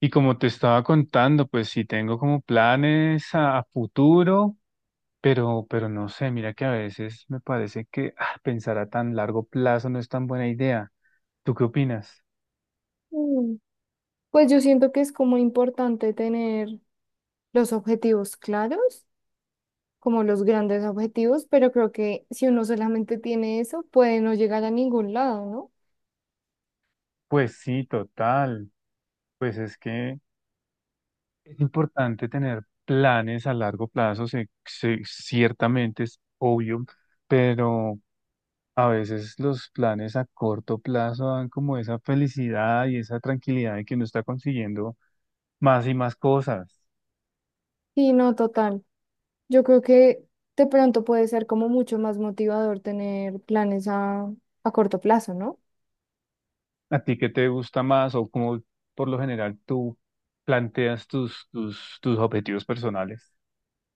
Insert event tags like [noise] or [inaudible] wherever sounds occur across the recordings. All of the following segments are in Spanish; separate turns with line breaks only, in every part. Y como te estaba contando, pues sí tengo como planes a futuro, pero no sé, mira que a veces me parece que pensar a tan largo plazo no es tan buena idea. ¿Tú qué opinas?
Mm, Pues yo siento que es como importante tener los objetivos claros, como los grandes objetivos, pero creo que si uno solamente tiene eso, puede no llegar a ningún lado, ¿no?
Pues sí, total. Pues es que es importante tener planes a largo plazo, ciertamente es obvio, pero a veces los planes a corto plazo dan como esa felicidad y esa tranquilidad de que uno está consiguiendo más y más cosas.
Sí, no, total. Yo creo que de pronto puede ser como mucho más motivador tener planes a corto plazo, ¿no?
¿A ti qué te gusta más o cómo por lo general tú planteas tus objetivos personales?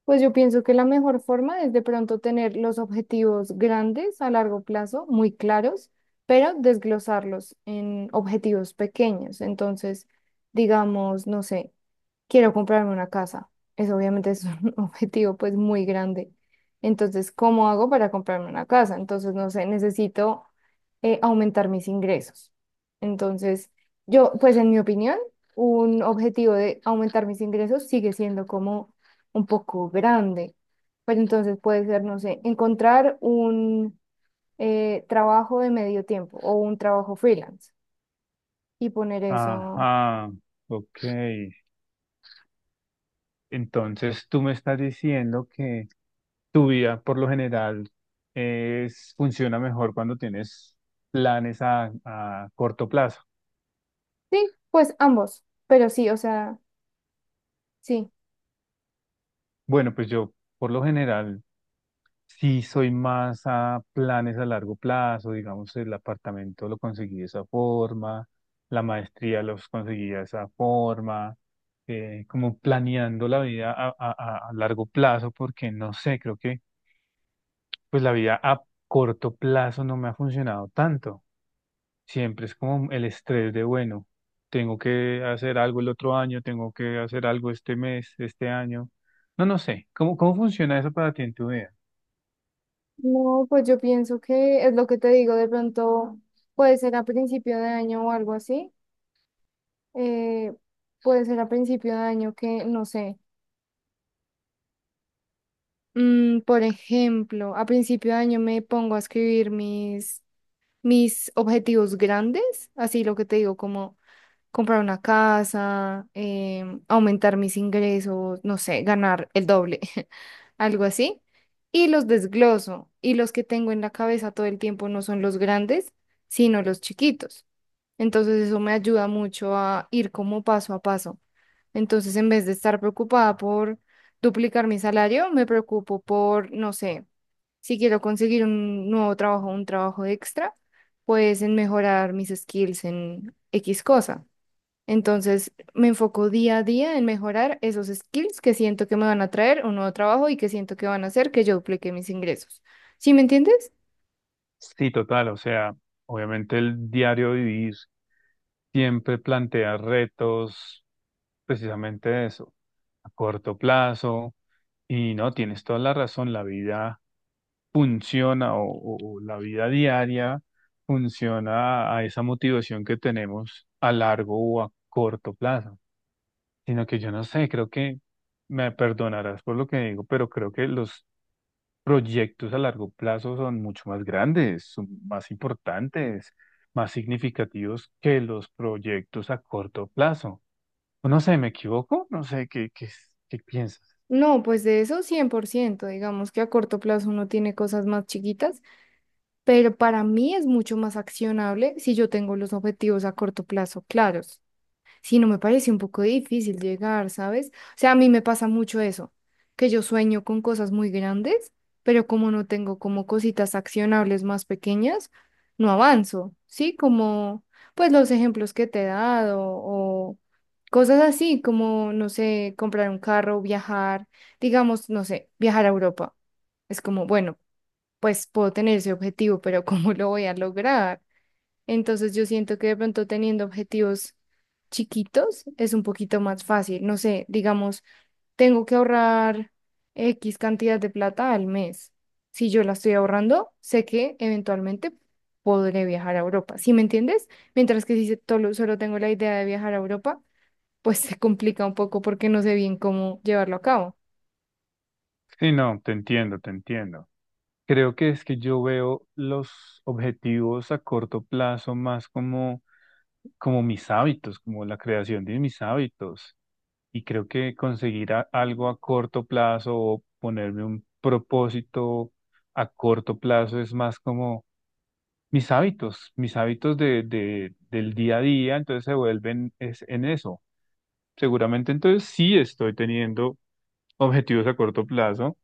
Pues yo pienso que la mejor forma es de pronto tener los objetivos grandes a largo plazo, muy claros, pero desglosarlos en objetivos pequeños. Entonces, digamos, no sé quiero comprarme una casa. Eso obviamente es un [laughs] objetivo pues muy grande. Entonces, ¿cómo hago para comprarme una casa? Entonces, no sé, necesito aumentar mis ingresos. Entonces, yo, pues en mi opinión, un objetivo de aumentar mis ingresos sigue siendo como un poco grande. Pero entonces puede ser, no sé, encontrar un trabajo de medio tiempo o un trabajo freelance y poner eso.
Ajá, ok. Entonces tú me estás diciendo que tu vida por lo general es, funciona mejor cuando tienes planes a corto plazo.
Sí, pues ambos. Pero sí, o sea, sí.
Bueno, pues yo por lo general sí, soy más a planes a largo plazo, digamos, el apartamento lo conseguí de esa forma, la maestría los conseguí de esa forma, como planeando la vida a, a largo plazo, porque no sé, creo que pues la vida a corto plazo no me ha funcionado tanto. Siempre es como el estrés de, bueno, tengo que hacer algo el otro año, tengo que hacer algo este mes, este año. No, no sé, ¿cómo funciona eso para ti en tu vida?
No, pues yo pienso que es lo que te digo, de pronto puede ser a principio de año o algo así, eh, puede ser a principio de año que, no sé, por ejemplo, a principio de año me pongo a escribir mis objetivos grandes, así lo que te digo, como comprar una casa, aumentar mis ingresos, no sé, ganar el doble, [laughs] algo así. Y los desgloso. Y los que tengo en la cabeza todo el tiempo no son los grandes, sino los chiquitos. Entonces eso me ayuda mucho a ir como paso a paso. Entonces en vez de estar preocupada por duplicar mi salario, me preocupo por, no sé, si quiero conseguir un nuevo trabajo, un trabajo extra, pues en mejorar mis skills en X cosa. Entonces, me enfoco día a día en mejorar esos skills que siento que me van a traer un nuevo trabajo y que siento que van a hacer que yo duplique mis ingresos. ¿Sí me entiendes?
Sí, total, o sea, obviamente el diario vivir siempre plantea retos, precisamente de eso, a corto plazo, y no, tienes toda la razón, la vida funciona o, o la vida diaria funciona a esa motivación que tenemos a largo o a corto plazo, sino que yo no sé, creo que me perdonarás por lo que digo, pero creo que los proyectos a largo plazo son mucho más grandes, son más importantes, más significativos que los proyectos a corto plazo. No sé, ¿me equivoco? No sé, ¿qué piensas?
No, pues de eso 100%. Digamos que a corto plazo uno tiene cosas más chiquitas, pero para mí es mucho más accionable si yo tengo los objetivos a corto plazo claros. Sí, no me parece un poco difícil llegar, ¿sabes? O sea, a mí me pasa mucho eso, que yo sueño con cosas muy grandes, pero como no tengo como cositas accionables más pequeñas, no avanzo, ¿sí? Como, pues los ejemplos que te he dado o cosas así, como, no sé, comprar un carro, viajar, digamos, no sé, viajar a Europa. Es como, bueno, pues puedo tener ese objetivo, pero [laughs] ¿cómo lo voy a lograr? Entonces yo siento que de pronto teniendo objetivos chiquitos es un poquito más fácil. No sé, digamos, tengo que ahorrar X cantidad de plata al mes. Si yo la estoy ahorrando, sé que eventualmente podré viajar a Europa. ¿Sí me entiendes? Mientras que si solo tengo la idea de viajar a Europa, pues [laughs] se complica un poco porque no sé bien cómo llevarlo a cabo.
Sí, no, te entiendo. Creo que es que yo veo los objetivos a corto plazo más como, como mis hábitos, como la creación de mis hábitos. Y creo que conseguir algo a corto plazo o ponerme un propósito a corto plazo es más como mis hábitos de, del día a día, entonces se vuelven es, en eso. Seguramente entonces sí estoy teniendo objetivos a corto plazo,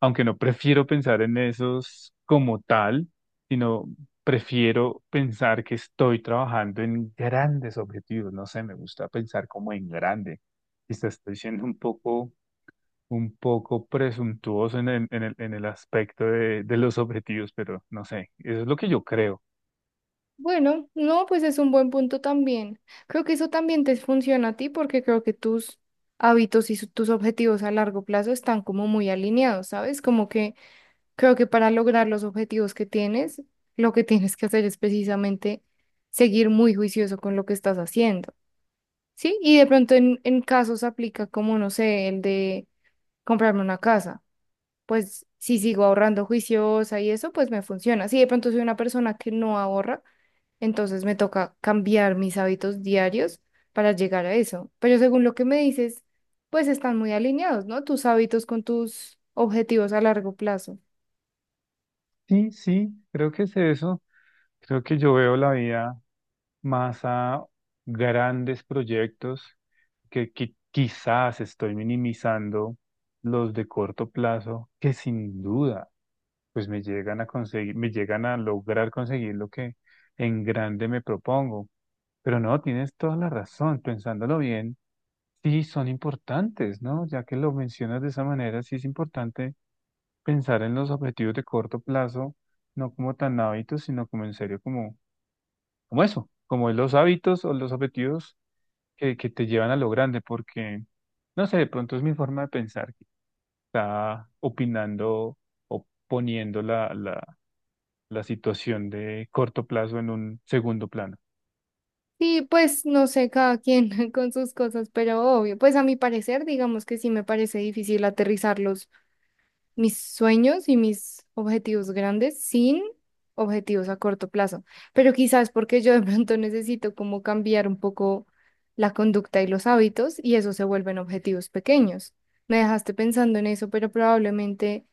aunque no prefiero pensar en esos como tal, sino prefiero pensar que estoy trabajando en grandes objetivos. No sé, me gusta pensar como en grande. Quizás estoy siendo un poco presuntuoso en el aspecto de los objetivos, pero no sé, eso es lo que yo creo.
Bueno, no, pues es un buen punto también. Creo que eso también te funciona a ti porque creo que tus hábitos y tus objetivos a largo plazo están como muy alineados, ¿sabes? Como que creo que para lograr los objetivos que tienes, lo que [laughs] tienes que hacer es precisamente seguir muy juicioso con lo que estás haciendo, ¿sí? Y de pronto en casos aplica como, no sé, el de comprarme una casa. Pues si sigo ahorrando juiciosa y eso, pues me funciona. Si de pronto soy una persona que no ahorra entonces me toca cambiar mis hábitos diarios para llegar a eso. Pero según lo que me dices, pues están muy alineados, ¿no? Tus hábitos con tus objetivos a largo plazo.
Sí, sí, creo que es eso. Creo que yo veo la vida más a grandes proyectos que, quizás estoy minimizando los de corto plazo, que sin duda pues me llegan a conseguir, me llegan a lograr conseguir lo que en grande me propongo. Pero no, tienes toda la razón, pensándolo bien, sí son importantes, ¿no? Ya que lo mencionas de esa manera, sí es importante pensar en los objetivos de corto plazo, no como tan hábitos, sino como en serio, como, como eso, como los hábitos o los objetivos que te llevan a lo grande, porque, no sé, de pronto es mi forma de pensar que está opinando o poniendo la situación de corto plazo en un segundo plano.
Y pues no sé, cada quien [laughs] con sus cosas, pero obvio, pues a mi parecer, digamos que sí me parece difícil aterrizarlos mis sueños y mis objetivos grandes sin objetivos a corto plazo. Pero quizás porque yo de pronto necesito como cambiar un poco la conducta y los hábitos y eso se vuelven objetivos pequeños. Me dejaste pensando en eso, pero probablemente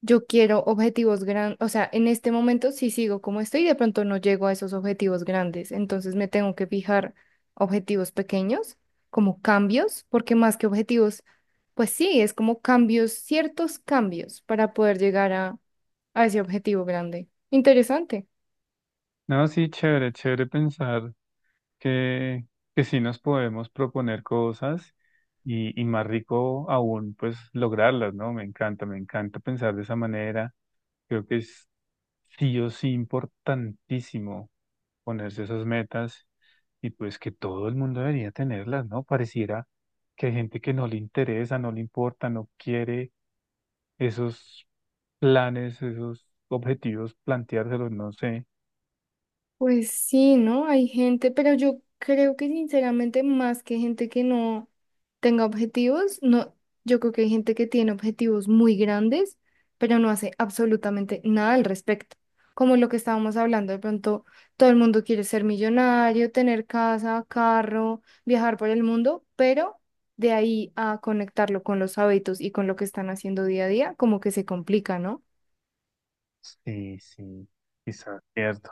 yo quiero objetivos grandes, o sea, en este momento si sigo como estoy, de pronto no llego a esos objetivos grandes, entonces me tengo que fijar objetivos pequeños, como cambios, porque más que objetivos, pues sí, es como cambios, ciertos cambios para poder llegar a ese objetivo grande. Interesante.
No, sí, chévere, chévere pensar que, que sí nos podemos proponer cosas y más rico aún, pues lograrlas, ¿no? Me encanta pensar de esa manera. Creo que es sí o sí importantísimo ponerse esas metas y pues que todo el mundo debería tenerlas, ¿no? Pareciera que hay gente que no le interesa, no le importa, no quiere esos planes, esos objetivos, planteárselos, no sé.
Pues sí, ¿no? Hay gente, pero yo creo que sinceramente más que gente que no tenga objetivos, no, yo creo que hay gente que tiene objetivos muy grandes, pero no hace absolutamente nada al respecto. Como lo que estábamos hablando, de pronto todo el mundo quiere ser millonario, tener casa, carro, viajar por el mundo, pero de ahí a conectarlo con los hábitos y con lo que están haciendo día a día, como que se complica, ¿no?
Sí, sí, quizás cierto.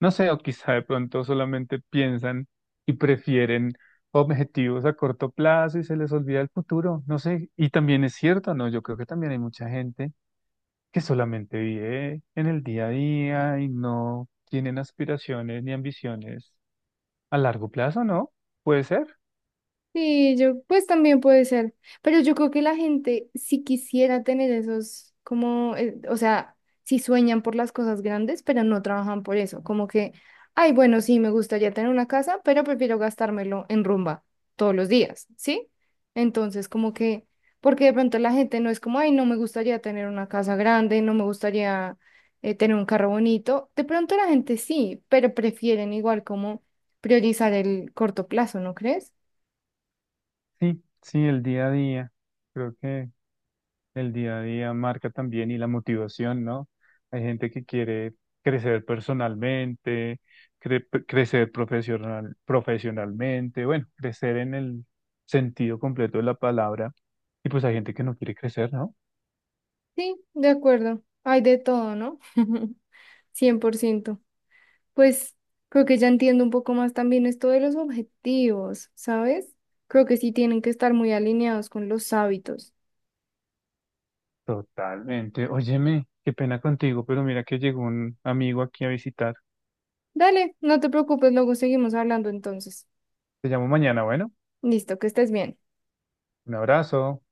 No sé, o quizá de pronto solamente piensan y prefieren objetivos a corto plazo y se les olvida el futuro, no sé. Y también es cierto, ¿no? Yo creo que también hay mucha gente que solamente vive en el día a día y no tienen aspiraciones ni ambiciones a largo plazo, ¿no? Puede ser.
Sí, yo, pues también puede ser, pero yo creo que la gente si quisiera tener esos, como, o sea, si sueñan por las cosas grandes, pero no trabajan por eso, como que, ay, bueno, sí, me gustaría tener una casa, pero prefiero gastármelo en rumba todos los días, ¿sí? Entonces, como que, porque de pronto la gente no es como, ay, no me gustaría tener una casa grande, no me gustaría tener un carro bonito, de pronto la gente sí, pero prefieren igual como priorizar el corto plazo, ¿no crees?
Sí, sí, el día a día. Creo que el día a día marca también y la motivación, ¿no? Hay gente que quiere crecer personalmente, crecer profesional, profesionalmente, bueno, crecer en el sentido completo de la palabra. Y pues hay gente que no quiere crecer, ¿no?
Sí, de acuerdo. Hay de todo, ¿no? [laughs] 100%. Pues creo que ya entiendo un poco más también esto de los objetivos, ¿sabes? Creo que sí tienen que estar muy alineados con los hábitos.
Totalmente. Óyeme, qué pena contigo, pero mira que llegó un amigo aquí a visitar.
Dale, no te preocupes, luego seguimos hablando entonces.
Te llamo mañana, bueno,
Listo, que estés bien.
un abrazo.